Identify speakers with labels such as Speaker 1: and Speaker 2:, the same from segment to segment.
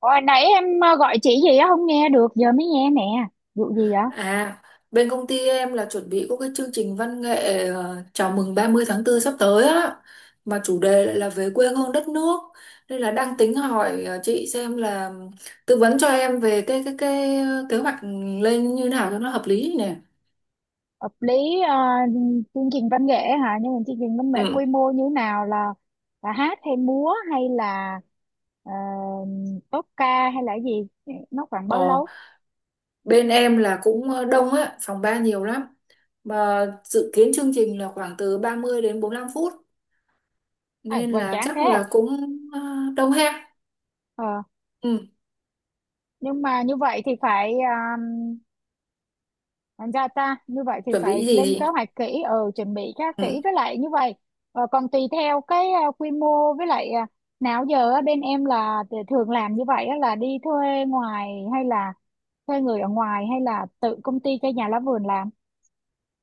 Speaker 1: Hồi nãy em gọi chị gì á, không nghe được, giờ mới nghe nè. Vụ gì vậy?
Speaker 2: À, Bên công ty em là chuẩn bị có cái chương trình văn nghệ chào mừng 30 tháng 4 sắp tới á, mà chủ đề lại là về quê hương đất nước, nên là đang tính hỏi chị xem là tư vấn cho em về cái kế hoạch lên như nào cho nó hợp lý nè.
Speaker 1: Hợp lý. ờ, Chương trình văn nghệ hả? Nhưng mà chương trình văn nghệ quy
Speaker 2: Ừ.
Speaker 1: mô như thế nào, là hát hay múa hay là ờ, tốp ca hay là cái gì? Nó khoảng bao
Speaker 2: Ờ,
Speaker 1: lâu?
Speaker 2: Bên em là cũng đông á, phòng ban nhiều lắm. Mà dự kiến chương trình là khoảng từ 30 đến 45 phút,
Speaker 1: À,
Speaker 2: nên
Speaker 1: hoành
Speaker 2: là
Speaker 1: tráng
Speaker 2: chắc
Speaker 1: thế.
Speaker 2: là cũng ờ, đông ha.
Speaker 1: Ờ,
Speaker 2: Ừ,
Speaker 1: nhưng mà như vậy thì phải thành ra ta như vậy thì
Speaker 2: chuẩn
Speaker 1: phải
Speaker 2: bị gì
Speaker 1: lên kế
Speaker 2: thì
Speaker 1: hoạch kỹ, chuẩn bị khá kỹ,
Speaker 2: ừ.
Speaker 1: với lại như vậy còn tùy theo cái quy mô, với lại nào giờ á, bên em là thường làm như vậy á, là đi thuê ngoài hay là thuê người ở ngoài hay là tự công ty cho nhà lá vườn làm.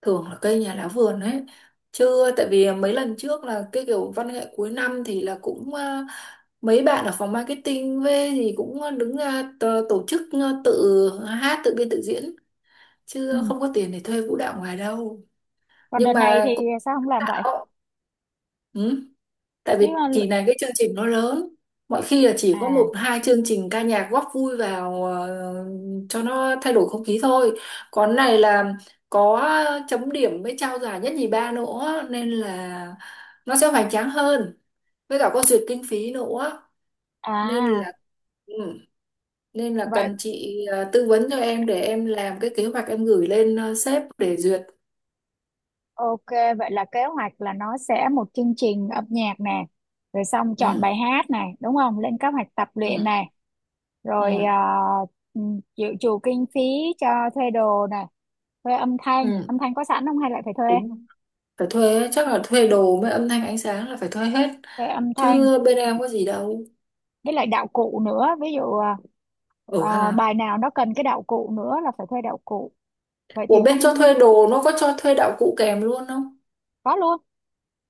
Speaker 2: Thường là cây nhà lá vườn ấy, chứ tại vì mấy lần trước là cái kiểu văn nghệ cuối năm thì là cũng à, mấy bạn ở phòng marketing về thì cũng đứng ra tổ chức, tự hát tự biên tự diễn,
Speaker 1: Ừ,
Speaker 2: chứ không có tiền để thuê vũ đạo ngoài đâu.
Speaker 1: còn đợt
Speaker 2: Nhưng
Speaker 1: này thì
Speaker 2: mà cũng
Speaker 1: sao không làm vậy
Speaker 2: bảo. Ừ. Tại
Speaker 1: chứ?
Speaker 2: vì
Speaker 1: Ờ,
Speaker 2: kỳ này cái chương trình nó lớn. Mọi khi là chỉ có
Speaker 1: à
Speaker 2: một hai chương trình ca nhạc góp vui vào, cho nó thay đổi không khí thôi. Còn này là có chấm điểm với trao giải nhất nhì ba nữa, nên là nó sẽ hoành tráng hơn. Với cả có duyệt kinh phí nữa, nên
Speaker 1: à
Speaker 2: là ừ, nên là
Speaker 1: Vậy,
Speaker 2: cần chị tư vấn cho em để em làm cái kế hoạch em gửi lên sếp để duyệt.
Speaker 1: ok, vậy là kế hoạch là nó sẽ một chương trình âm nhạc nè, rồi xong chọn
Speaker 2: Ừ.
Speaker 1: bài hát này đúng không, lên kế hoạch tập luyện
Speaker 2: Ừ.
Speaker 1: này, rồi
Speaker 2: Ừ.
Speaker 1: ừ, chịu chủ kinh phí cho thuê đồ này, thuê âm thanh. Âm
Speaker 2: Ừ.
Speaker 1: thanh có sẵn không hay lại phải thuê
Speaker 2: Đúng rồi. Phải thuê ấy, chắc là thuê đồ với âm thanh ánh sáng là phải thuê hết,
Speaker 1: thuê âm thanh,
Speaker 2: chứ bên em có gì đâu.
Speaker 1: với lại đạo cụ nữa, ví dụ
Speaker 2: Ở hà,
Speaker 1: bài nào nó cần cái đạo cụ nữa là phải thuê đạo cụ, vậy thì
Speaker 2: của bên cho
Speaker 1: cũng
Speaker 2: thuê đồ nó có cho thuê đạo cụ kèm luôn không?
Speaker 1: có luôn.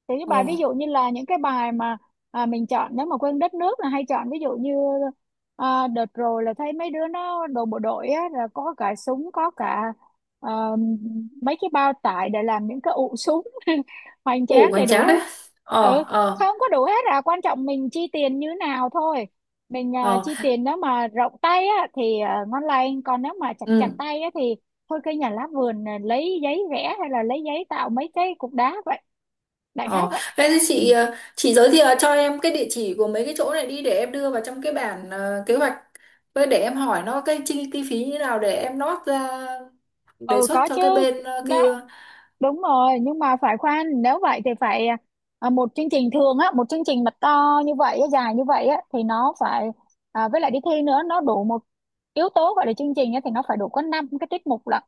Speaker 1: Thì cái
Speaker 2: Ờ
Speaker 1: bài ví dụ như là những cái bài mà mình chọn, nếu mà quên đất nước là hay chọn ví dụ như đợt rồi là thấy mấy đứa nó đồ bộ đội á, là có cả súng, có cả à, mấy cái bao tải để làm những cái ụ súng hoành
Speaker 2: ủ
Speaker 1: tráng đầy
Speaker 2: Hoành
Speaker 1: đủ
Speaker 2: tráng đấy.
Speaker 1: hết. Ừ,
Speaker 2: ờ ờ
Speaker 1: không có đủ hết à, quan trọng mình chi tiền như nào thôi. Mình
Speaker 2: ờ
Speaker 1: chi tiền nếu mà rộng tay á thì ngon lành, còn nếu mà chặt chặt
Speaker 2: ừ.
Speaker 1: tay á thì thôi cây nhà lá vườn là lấy giấy vẽ hay là lấy giấy tạo mấy cái cục đá vậy, đại khái
Speaker 2: ờ
Speaker 1: vậy.
Speaker 2: Thế thì
Speaker 1: ừ,
Speaker 2: chị chị giới thiệu cho em cái địa chỉ của mấy cái chỗ này đi để em đưa vào trong cái bản kế hoạch, với để em hỏi nó cái chi chi phí như thế nào để em nót ra đề
Speaker 1: ừ,
Speaker 2: xuất
Speaker 1: có
Speaker 2: cho
Speaker 1: chứ,
Speaker 2: cái bên kia.
Speaker 1: đó đúng rồi. Nhưng mà phải khoan, nếu vậy thì phải một chương trình thường á, một chương trình mà to như vậy á, dài như vậy á thì nó phải với lại đi thi nữa, nó đủ một yếu tố gọi là chương trình á thì nó phải đủ có năm cái tiết mục lận.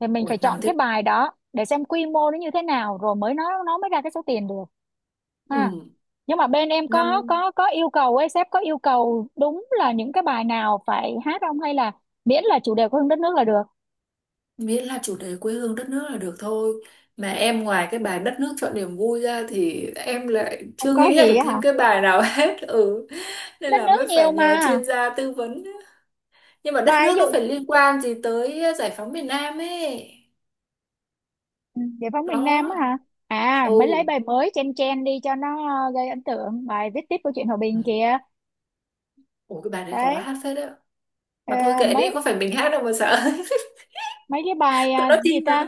Speaker 1: Thì mình
Speaker 2: Ủa,
Speaker 1: phải
Speaker 2: năm
Speaker 1: chọn cái
Speaker 2: tiếp?
Speaker 1: bài đó để xem quy mô nó như thế nào, rồi mới nó mới ra cái số tiền được.
Speaker 2: Ừ,
Speaker 1: Ha, nhưng mà bên em có
Speaker 2: năm.
Speaker 1: có có yêu cầu ấy, sếp có yêu cầu đúng là những cái bài nào phải hát không, hay là miễn là chủ đề của đất nước là được?
Speaker 2: Miễn là chủ đề quê hương đất nước là được thôi. Mà em ngoài cái bài đất nước chọn niềm vui ra thì em lại
Speaker 1: Không
Speaker 2: chưa
Speaker 1: có
Speaker 2: nghĩ ra
Speaker 1: gì
Speaker 2: được
Speaker 1: á
Speaker 2: thêm
Speaker 1: hả?
Speaker 2: cái bài nào hết. Ừ, nên
Speaker 1: Đất
Speaker 2: là
Speaker 1: nước
Speaker 2: mới
Speaker 1: nhiều
Speaker 2: phải nhờ
Speaker 1: mà,
Speaker 2: chuyên gia tư vấn. Nhưng mà đất
Speaker 1: bài
Speaker 2: nước
Speaker 1: ví
Speaker 2: nó
Speaker 1: dụ
Speaker 2: phải liên quan gì tới giải phóng miền Nam ấy.
Speaker 1: ừ, giải phóng miền Nam
Speaker 2: Đó.
Speaker 1: á hả? À,
Speaker 2: Ừ.
Speaker 1: mới lấy bài mới, chen chen đi cho nó gây ấn tượng, bài viết tiếp câu chuyện hòa bình kìa.
Speaker 2: Ủa, cái bài đấy khó
Speaker 1: Đấy.
Speaker 2: hát phết đấy. Mà thôi
Speaker 1: ờ,
Speaker 2: kệ đi,
Speaker 1: mấy
Speaker 2: có phải mình hát đâu mà sợ.
Speaker 1: mấy cái bài
Speaker 2: Tụi nó
Speaker 1: gì
Speaker 2: chim mà.
Speaker 1: ta,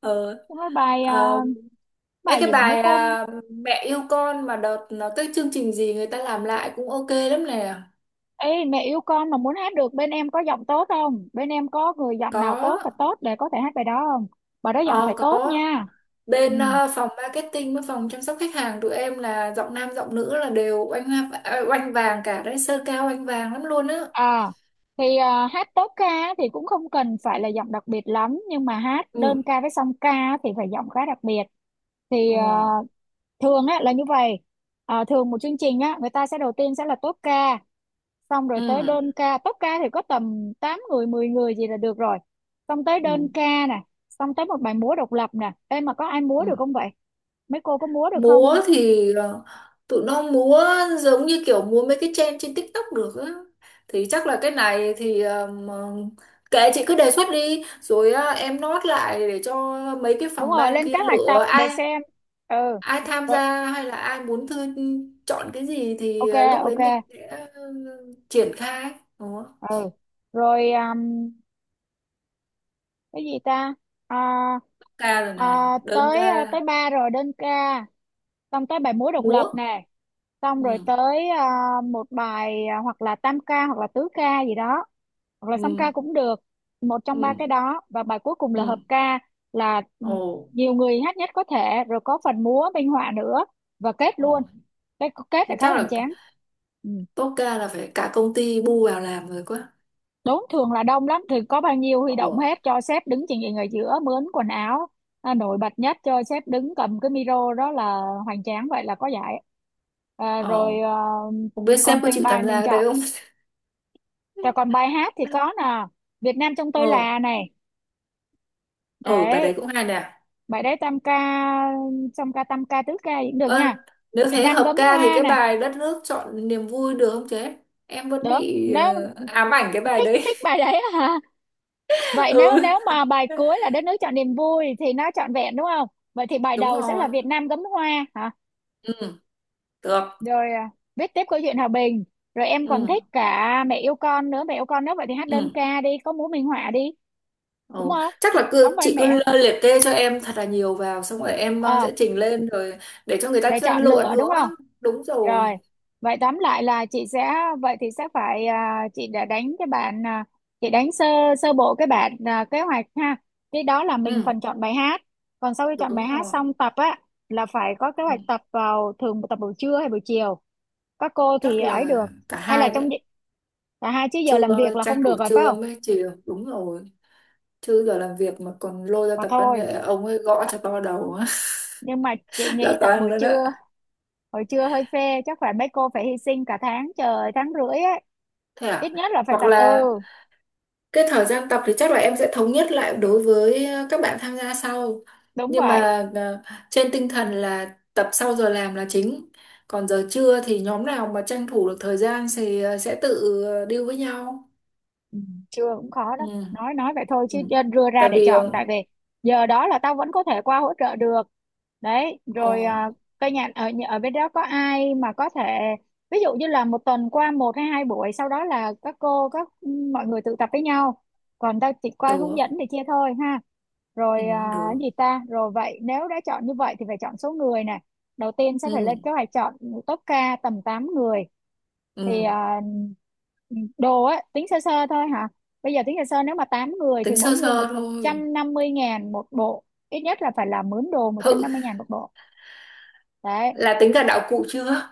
Speaker 2: ờ
Speaker 1: mấy bài
Speaker 2: ờ, Ê,
Speaker 1: bài
Speaker 2: cái
Speaker 1: gì mà mấy
Speaker 2: bài
Speaker 1: cô.
Speaker 2: à, mẹ yêu con mà đợt nó cái chương trình gì người ta làm lại cũng ok lắm nè.
Speaker 1: Ê, mẹ yêu con mà muốn hát được bên em có giọng tốt không? Bên em có người giọng nào tốt thật
Speaker 2: Có.
Speaker 1: tốt để có thể hát bài đó không? Bài đó giọng
Speaker 2: Ờ,
Speaker 1: phải tốt
Speaker 2: có
Speaker 1: nha. Ừ.
Speaker 2: bên phòng marketing với phòng chăm sóc khách hàng tụi em là giọng nam giọng nữ là đều oanh vàng cả đấy, sơ cao oanh vàng lắm luôn á.
Speaker 1: À, thì hát tốt ca thì cũng không cần phải là giọng đặc biệt lắm, nhưng mà hát đơn
Speaker 2: Ừ.
Speaker 1: ca với song ca thì phải giọng khá đặc biệt. Thì
Speaker 2: Ừ.
Speaker 1: thường á là như vậy. À, thường một chương trình á, người ta sẽ đầu tiên sẽ là tốt ca, xong rồi
Speaker 2: Ừ.
Speaker 1: tới đơn ca. Tốp ca thì có tầm 8 người 10 người gì là được rồi, xong tới đơn
Speaker 2: Ừ.
Speaker 1: ca nè, xong tới một bài múa độc lập nè. Em mà có ai múa được
Speaker 2: Ừ.
Speaker 1: không vậy, mấy cô có múa được không?
Speaker 2: Múa thì tụi nó múa giống như kiểu múa mấy cái trend trên TikTok được á. Thì chắc là cái này thì kệ chị cứ đề xuất đi rồi em nốt lại để cho mấy cái
Speaker 1: Đúng
Speaker 2: phòng
Speaker 1: rồi,
Speaker 2: ban
Speaker 1: lên
Speaker 2: kia
Speaker 1: kế hoạch tập
Speaker 2: lựa
Speaker 1: để
Speaker 2: ai,
Speaker 1: xem. Ừ,
Speaker 2: ai tham
Speaker 1: rồi,
Speaker 2: gia hay là ai muốn thư, chọn cái gì thì
Speaker 1: ok,
Speaker 2: lúc đấy
Speaker 1: ok,
Speaker 2: mình sẽ ờ, triển khai đó.
Speaker 1: ừ rồi. Cái gì ta, à,
Speaker 2: Ca rồi nè, đơn ca,
Speaker 1: tới tới ba rồi đơn ca, xong tới bài múa độc
Speaker 2: múa.
Speaker 1: lập nè, xong rồi
Speaker 2: Ừ.
Speaker 1: tới một bài hoặc là tam ca hoặc là tứ ca gì đó, hoặc là
Speaker 2: Ừ.
Speaker 1: song ca cũng được. Một trong ba
Speaker 2: Ừ.
Speaker 1: cái đó, và bài cuối cùng là hợp
Speaker 2: Ừ.
Speaker 1: ca, là
Speaker 2: Ồ.
Speaker 1: nhiều người hát nhất có thể, rồi có phần múa minh họa nữa và kết
Speaker 2: Ồ.
Speaker 1: luôn. Cái kết là
Speaker 2: Thế
Speaker 1: khá
Speaker 2: chắc
Speaker 1: hoành
Speaker 2: là
Speaker 1: tráng. Ừ.
Speaker 2: tốt ca là phải cả công ty bu vào làm rồi quá.
Speaker 1: Đốn thường là đông lắm thì có bao nhiêu huy
Speaker 2: Ồ.
Speaker 1: động hết, cho sếp đứng trình diện ở giữa, mướn quần áo nổi bật nhất, cho sếp đứng cầm cái micro đó là hoành tráng vậy là có giải. Rồi
Speaker 2: Ồ. Không biết sếp
Speaker 1: còn
Speaker 2: có
Speaker 1: tùy
Speaker 2: chịu
Speaker 1: bài
Speaker 2: tham
Speaker 1: mình
Speaker 2: gia cái đấy
Speaker 1: chọn,
Speaker 2: không.
Speaker 1: rồi còn bài hát thì có nè. Việt Nam trong
Speaker 2: Ồ.
Speaker 1: tôi là này.
Speaker 2: Ừ, bài đấy
Speaker 1: Đấy,
Speaker 2: cũng hay nè.
Speaker 1: bài đấy tam ca, song ca tam ca tứ ca cũng được
Speaker 2: Ơ,
Speaker 1: nha.
Speaker 2: nếu
Speaker 1: Việt
Speaker 2: thế
Speaker 1: Nam
Speaker 2: hợp
Speaker 1: gấm
Speaker 2: ca thì
Speaker 1: hoa
Speaker 2: cái
Speaker 1: nè,
Speaker 2: bài đất nước chọn niềm vui được không chế? Em vẫn
Speaker 1: được.
Speaker 2: bị
Speaker 1: Nếu
Speaker 2: ám ảnh cái bài
Speaker 1: thích
Speaker 2: đấy.
Speaker 1: thích bài đấy hả? Vậy nếu
Speaker 2: Ừ,
Speaker 1: nếu mà bài cuối là đất nước chọn niềm vui thì nó trọn vẹn đúng không? Vậy thì bài
Speaker 2: đúng
Speaker 1: đầu sẽ là
Speaker 2: rồi.
Speaker 1: Việt Nam gấm hoa hả?
Speaker 2: Ừ, được.
Speaker 1: Rồi viết tiếp câu chuyện hòa bình. Rồi em còn
Speaker 2: Ừ.
Speaker 1: thích cả mẹ yêu con nữa, mẹ yêu con nữa vậy thì hát đơn
Speaker 2: Ừ.
Speaker 1: ca đi, có múa minh họa đi,
Speaker 2: Ừ.
Speaker 1: đúng không,
Speaker 2: Chắc là
Speaker 1: đóng
Speaker 2: cứ
Speaker 1: vai
Speaker 2: chị cứ
Speaker 1: mẹ.
Speaker 2: liệt kê cho em thật là nhiều vào, xong rồi em
Speaker 1: ờ
Speaker 2: sẽ chỉnh lên rồi để cho người ta
Speaker 1: để chọn
Speaker 2: lựa
Speaker 1: lựa đúng
Speaker 2: nữa.
Speaker 1: không?
Speaker 2: Đúng rồi.
Speaker 1: Rồi, vậy tóm lại là chị sẽ, vậy thì sẽ phải chị đã đánh cái bản chị đánh sơ sơ bộ cái bản kế hoạch ha. Cái đó là mình
Speaker 2: Ừ,
Speaker 1: phần chọn bài hát. Còn sau khi chọn
Speaker 2: đúng
Speaker 1: bài hát
Speaker 2: rồi.
Speaker 1: xong, tập á là phải có kế
Speaker 2: Ừ.
Speaker 1: hoạch tập vào, thường tập buổi trưa hay buổi chiều. Các cô
Speaker 2: Chắc
Speaker 1: thì ấy
Speaker 2: là
Speaker 1: được,
Speaker 2: cả
Speaker 1: hay là
Speaker 2: hai
Speaker 1: trong
Speaker 2: đấy.
Speaker 1: cả hai? Chứ giờ làm
Speaker 2: Trưa,
Speaker 1: việc là
Speaker 2: tranh
Speaker 1: không
Speaker 2: thủ
Speaker 1: được rồi phải
Speaker 2: trưa
Speaker 1: không?
Speaker 2: mới chiều, đúng rồi, chứ giờ làm việc mà còn lôi ra
Speaker 1: Mà
Speaker 2: tập văn
Speaker 1: thôi.
Speaker 2: nghệ ông ấy gõ cho to đầu.
Speaker 1: Nhưng mà chị
Speaker 2: Là
Speaker 1: nghĩ tập
Speaker 2: toàn rồi đó.
Speaker 1: buổi trưa hơi phê, chắc phải mấy cô phải hy sinh cả tháng trời, tháng rưỡi ấy.
Speaker 2: Thế
Speaker 1: Ít
Speaker 2: à.
Speaker 1: nhất là phải
Speaker 2: Hoặc
Speaker 1: tập,
Speaker 2: là cái thời gian tập thì chắc là em sẽ thống nhất lại đối với các bạn tham gia sau.
Speaker 1: đúng
Speaker 2: Nhưng
Speaker 1: vậy.
Speaker 2: mà trên tinh thần là tập sau giờ làm là chính. Còn giờ trưa thì nhóm nào mà tranh thủ được thời gian thì sẽ tự deal với nhau.
Speaker 1: Ừ, chưa cũng khó
Speaker 2: Ừ.
Speaker 1: đó, nói vậy thôi
Speaker 2: Ừ.
Speaker 1: chứ nên đưa
Speaker 2: Tại
Speaker 1: ra để
Speaker 2: vì
Speaker 1: chọn, tại vì giờ đó là tao vẫn có thể qua hỗ trợ được. Đấy,
Speaker 2: ồ,
Speaker 1: rồi cây nhà ở ở bên đó có ai mà có thể ví dụ như là một tuần qua một hay hai buổi, sau đó là các cô các mọi người tự tập với nhau, còn tao chỉ qua hướng
Speaker 2: được,
Speaker 1: dẫn thì chia thôi ha.
Speaker 2: ừ,
Speaker 1: Rồi cái
Speaker 2: được.
Speaker 1: gì ta. Rồi vậy nếu đã chọn như vậy thì phải chọn số người nè, đầu tiên sẽ phải
Speaker 2: Ừ.
Speaker 1: lên kế hoạch chọn top ca tầm 8 người. Thì
Speaker 2: Ừ.
Speaker 1: đồ á tính sơ sơ thôi hả, bây giờ tính sơ sơ nếu mà 8 người thì
Speaker 2: Tính
Speaker 1: mỗi
Speaker 2: sơ
Speaker 1: người một
Speaker 2: sơ thôi.
Speaker 1: trăm năm mươi ngàn một bộ, ít nhất là phải là mướn đồ một trăm
Speaker 2: Hự,
Speaker 1: năm mươi ngàn một bộ. Đấy,
Speaker 2: là tính cả đạo cụ chưa?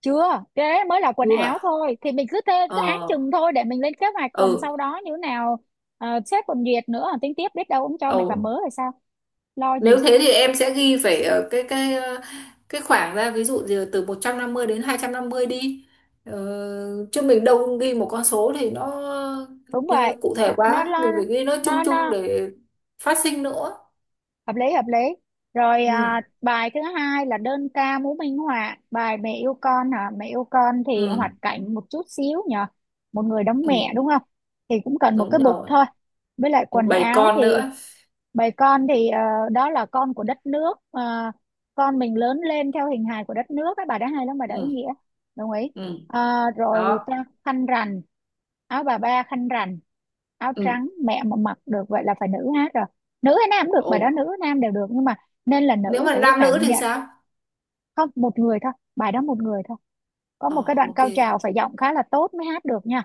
Speaker 1: chưa, cái đấy mới là quần
Speaker 2: Chưa
Speaker 1: áo
Speaker 2: à?
Speaker 1: thôi thì mình cứ thế
Speaker 2: Ờ,
Speaker 1: cứ án chừng thôi để mình lên kế hoạch, còn
Speaker 2: ừ,
Speaker 1: sau đó như thế nào. Sếp còn duyệt nữa, tính tiếp biết đâu ông cho mày cả
Speaker 2: ừ.
Speaker 1: mớ hay sao, lo
Speaker 2: Nếu
Speaker 1: gì.
Speaker 2: thế thì em sẽ ghi phải ở cái cái khoảng ra ví dụ gì là từ 150 đến 250 đi. Ờ, chứ mình đâu ghi một con số thì nó
Speaker 1: Đúng vậy,
Speaker 2: cụ
Speaker 1: nó
Speaker 2: thể
Speaker 1: nó
Speaker 2: quá,
Speaker 1: lo,
Speaker 2: mình phải ghi nó chung
Speaker 1: nó
Speaker 2: chung
Speaker 1: nó
Speaker 2: để phát sinh nữa.
Speaker 1: hợp lý, hợp lý. Rồi
Speaker 2: Ừ,
Speaker 1: bài thứ hai là đơn ca múa minh họa bài mẹ yêu con hả, mẹ yêu con thì hoạt
Speaker 2: ừ,
Speaker 1: cảnh một chút xíu nhờ, một người đóng
Speaker 2: ừ,
Speaker 1: mẹ đúng không, thì cũng cần một cái
Speaker 2: đúng
Speaker 1: bục
Speaker 2: rồi.
Speaker 1: thôi, với lại
Speaker 2: Một
Speaker 1: quần
Speaker 2: bầy
Speaker 1: áo thì.
Speaker 2: con nữa.
Speaker 1: Bầy con thì đó là con của đất nước. Ờ, con mình lớn lên theo hình hài của đất nước, các bà đã hay lắm, bà
Speaker 2: Ừ,
Speaker 1: đã ý nghĩa. Đồng ý.
Speaker 2: ừ,
Speaker 1: Ờ, Rồi
Speaker 2: đó.
Speaker 1: ta khăn rằn, áo bà ba khăn rằn áo
Speaker 2: Ừ.
Speaker 1: trắng, mẹ mà mặc được vậy là phải nữ hết rồi. Nữ hay nam cũng được,
Speaker 2: Ồ,
Speaker 1: bài đó nữ nam đều được, nhưng mà nên là
Speaker 2: nếu
Speaker 1: nữ
Speaker 2: mà
Speaker 1: để cái
Speaker 2: nam nữ
Speaker 1: cảm
Speaker 2: thì
Speaker 1: nhận.
Speaker 2: sao?
Speaker 1: Không, một người thôi, bài đó một người thôi, có một cái
Speaker 2: Ờ,
Speaker 1: đoạn
Speaker 2: ok.
Speaker 1: cao trào phải giọng khá là tốt mới hát được nha.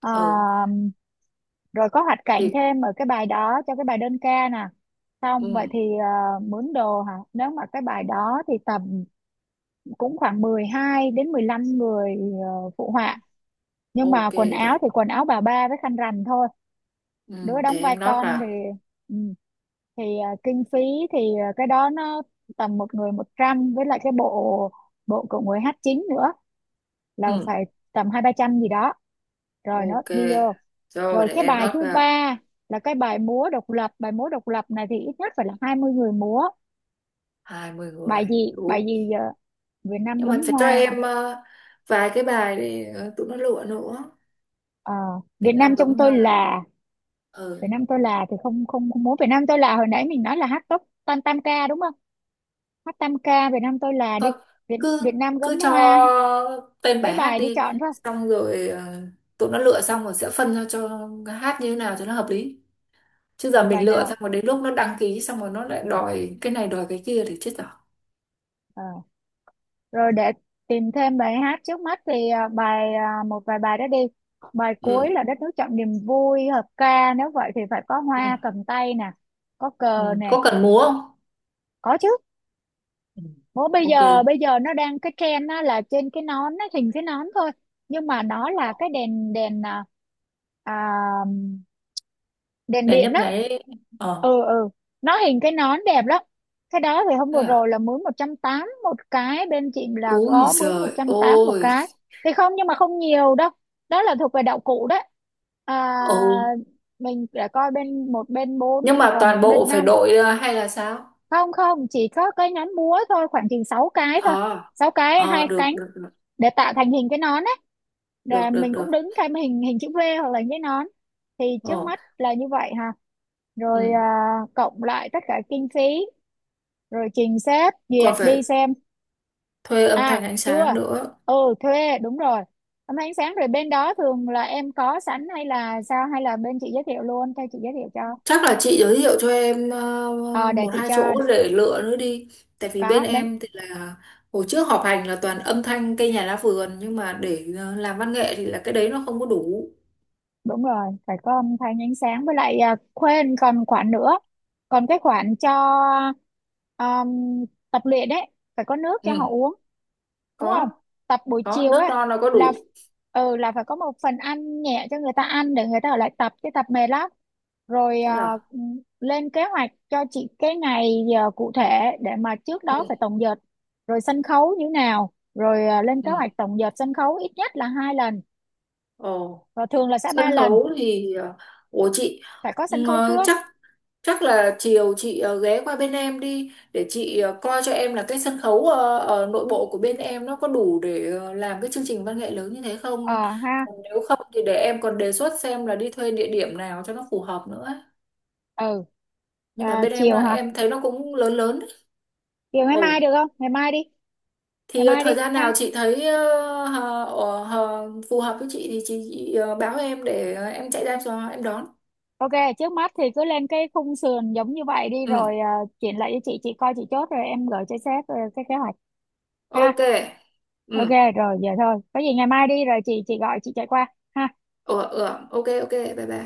Speaker 1: Ờ,
Speaker 2: Ừ,
Speaker 1: Rồi có hoạt cảnh
Speaker 2: thì
Speaker 1: thêm ở cái bài đó, cho cái bài đơn ca nè. Xong vậy
Speaker 2: ừ,
Speaker 1: thì mướn đồ hả, nếu mà cái bài đó thì tầm cũng khoảng 12 đến 15 người phụ họa, nhưng mà
Speaker 2: ok
Speaker 1: quần áo thì quần áo bà ba với khăn rằn thôi.
Speaker 2: Ừ,
Speaker 1: Đứa đóng
Speaker 2: để
Speaker 1: vai
Speaker 2: em note
Speaker 1: con thì
Speaker 2: vào.
Speaker 1: ừ, thì kinh phí thì cái đó nó tầm một người 100, với lại cái bộ bộ của người hát chính nữa là
Speaker 2: Ừ.
Speaker 1: phải tầm hai ba trăm gì đó, rồi nó
Speaker 2: Ok,
Speaker 1: đi vô.
Speaker 2: rồi
Speaker 1: Rồi
Speaker 2: để
Speaker 1: cái
Speaker 2: em
Speaker 1: bài
Speaker 2: lót
Speaker 1: thứ
Speaker 2: vào.
Speaker 1: ba là cái bài múa độc lập, bài múa độc lập này thì ít nhất phải là 20 người múa.
Speaker 2: 20
Speaker 1: Bài
Speaker 2: người
Speaker 1: gì bài
Speaker 2: đủ.
Speaker 1: gì giờ? Việt Nam
Speaker 2: Nhưng
Speaker 1: gấm
Speaker 2: mà phải cho
Speaker 1: hoa.
Speaker 2: em vài cái bài để tụi nó lựa nữa.
Speaker 1: Ờ,
Speaker 2: Việt
Speaker 1: Việt
Speaker 2: Nam
Speaker 1: Nam trong
Speaker 2: cấm
Speaker 1: tôi
Speaker 2: hoa.
Speaker 1: là.
Speaker 2: Ừ.
Speaker 1: Việt Nam tôi là thì không, không, không múa Việt Nam tôi là, hồi nãy mình nói là hát tốt tam tam ca đúng không, hát tam ca Việt Nam tôi là đi,
Speaker 2: Thôi,
Speaker 1: Việt
Speaker 2: cứ
Speaker 1: Việt Nam gấm
Speaker 2: cứ cho
Speaker 1: hoa,
Speaker 2: tên bài
Speaker 1: mấy
Speaker 2: hát
Speaker 1: bài đi
Speaker 2: đi,
Speaker 1: chọn thôi,
Speaker 2: xong rồi tụi nó lựa xong rồi sẽ phân ra cho hát như thế nào cho nó hợp lý. Chứ giờ
Speaker 1: còn bài
Speaker 2: mình lựa
Speaker 1: nào.
Speaker 2: xong rồi đến lúc nó đăng ký xong rồi nó lại
Speaker 1: Ừ.
Speaker 2: đòi cái này đòi cái kia thì chết rồi.
Speaker 1: Ờ, Rồi để tìm thêm bài hát, trước mắt thì bài một vài bài đó đi. Bài cuối
Speaker 2: Ừ.
Speaker 1: là đất nước trọn niềm vui hợp ca, nếu vậy thì phải có
Speaker 2: Ừ.
Speaker 1: hoa cầm tay nè, có cờ
Speaker 2: Ừ.
Speaker 1: nè.
Speaker 2: Có cần múa không?
Speaker 1: Có chứ,
Speaker 2: Ừ.
Speaker 1: bố bây
Speaker 2: Ok.
Speaker 1: giờ bây giờ nó đang cái trend á, là trên cái nón, nó hình cái nón thôi, nhưng mà nó là cái đèn đèn à, đèn
Speaker 2: Đèn
Speaker 1: điện
Speaker 2: nhấp
Speaker 1: á.
Speaker 2: nháy. Ờ.
Speaker 1: Ừ ừ, nó hình cái nón đẹp lắm, cái đó thì hôm
Speaker 2: Thế
Speaker 1: vừa rồi
Speaker 2: à?
Speaker 1: là mướn 180 một cái, bên chị là
Speaker 2: Úi
Speaker 1: có mướn một
Speaker 2: giời
Speaker 1: trăm tám một
Speaker 2: ôi.
Speaker 1: cái, thì không, nhưng mà không nhiều đâu, đó là thuộc về đạo cụ đấy. à,
Speaker 2: Ồ.
Speaker 1: mình sẽ coi bên một bên bốn
Speaker 2: Nhưng
Speaker 1: hoặc
Speaker 2: mà
Speaker 1: là
Speaker 2: toàn
Speaker 1: một
Speaker 2: bộ
Speaker 1: bên
Speaker 2: phải
Speaker 1: năm.
Speaker 2: đội hay là sao?
Speaker 1: Không không, chỉ có cái nón búa thôi, khoảng chừng 6 cái thôi,
Speaker 2: Ờ,
Speaker 1: 6 cái
Speaker 2: ờ,
Speaker 1: hai
Speaker 2: được,
Speaker 1: cánh
Speaker 2: được, được,
Speaker 1: để tạo thành hình cái nón ấy, để
Speaker 2: được, được,
Speaker 1: mình cũng
Speaker 2: được.
Speaker 1: đứng thêm hình hình chữ V hoặc là cái nón. Thì trước
Speaker 2: Ồ,
Speaker 1: mắt là như vậy hả? Rồi
Speaker 2: ừ.
Speaker 1: cộng lại tất cả kinh phí, rồi trình sếp
Speaker 2: Còn
Speaker 1: duyệt đi
Speaker 2: phải
Speaker 1: xem.
Speaker 2: thuê âm thanh
Speaker 1: À,
Speaker 2: ánh
Speaker 1: chưa,
Speaker 2: sáng nữa.
Speaker 1: ừ, thuê đúng rồi. Hôm ánh sáng rồi, bên đó thường là em có sẵn hay là sao, hay là bên chị giới thiệu luôn cho, chị giới thiệu cho.
Speaker 2: Chắc là chị giới thiệu cho em
Speaker 1: Ờ để
Speaker 2: một
Speaker 1: chị
Speaker 2: hai
Speaker 1: cho,
Speaker 2: chỗ để lựa nữa đi. Tại vì bên
Speaker 1: có bên.
Speaker 2: em thì là hồi trước họp hành là toàn âm thanh cây nhà lá vườn, nhưng mà để làm văn nghệ thì là cái đấy nó không có đủ.
Speaker 1: Đúng rồi, phải có âm thanh ánh sáng với lại, quên còn khoản nữa, còn cái khoản cho um, tập luyện đấy, phải có nước cho
Speaker 2: Ừ,
Speaker 1: họ uống đúng không,
Speaker 2: có,
Speaker 1: tập buổi
Speaker 2: có
Speaker 1: chiều
Speaker 2: nước
Speaker 1: á
Speaker 2: non nó có
Speaker 1: là
Speaker 2: đủ.
Speaker 1: ừ, là phải có một phần ăn nhẹ cho người ta ăn để người ta ở lại tập, cái tập mệt lắm. Rồi
Speaker 2: Thế à?
Speaker 1: lên kế hoạch cho chị cái ngày giờ cụ thể, để mà trước đó
Speaker 2: Ừ,
Speaker 1: phải tổng dợt, rồi sân khấu như nào, rồi lên kế hoạch
Speaker 2: ừ.
Speaker 1: tổng dợt sân khấu ít nhất là hai lần
Speaker 2: Ồ.
Speaker 1: và thường là sẽ ba
Speaker 2: Sân
Speaker 1: lần,
Speaker 2: khấu thì của chị.
Speaker 1: phải có sân khấu trước.
Speaker 2: Chắc chắc là chiều chị ghé qua bên em đi để chị coi cho em là cái sân khấu ở nội bộ của bên em nó có đủ để làm cái chương trình văn nghệ lớn như thế
Speaker 1: ờ
Speaker 2: không.
Speaker 1: Ha,
Speaker 2: Còn nếu không thì để em còn đề xuất xem là đi thuê địa điểm nào cho nó phù hợp nữa ấy.
Speaker 1: ừ.
Speaker 2: Nhưng mà
Speaker 1: Ờ,
Speaker 2: bên em
Speaker 1: chiều
Speaker 2: là
Speaker 1: hả,
Speaker 2: em thấy nó cũng lớn lớn đấy.
Speaker 1: chiều ngày mai
Speaker 2: Ồ,
Speaker 1: được không, ngày mai đi,
Speaker 2: thì
Speaker 1: ngày mai đi
Speaker 2: thời gian nào
Speaker 1: ha.
Speaker 2: chị thấy phù hợp với chị thì chị báo em để em chạy ra cho em đón.
Speaker 1: Ok, trước mắt thì cứ lên cái khung sườn giống như vậy đi,
Speaker 2: Ừ,
Speaker 1: rồi chuyển lại cho chị coi chị chốt rồi em gửi cho sếp cái kế hoạch ha.
Speaker 2: ok. Ừ.
Speaker 1: Ok, rồi vậy thôi, có gì ngày mai đi rồi chị gọi chị chạy qua. Ha
Speaker 2: Ừ. Ừ. Ok, ok, bye bye.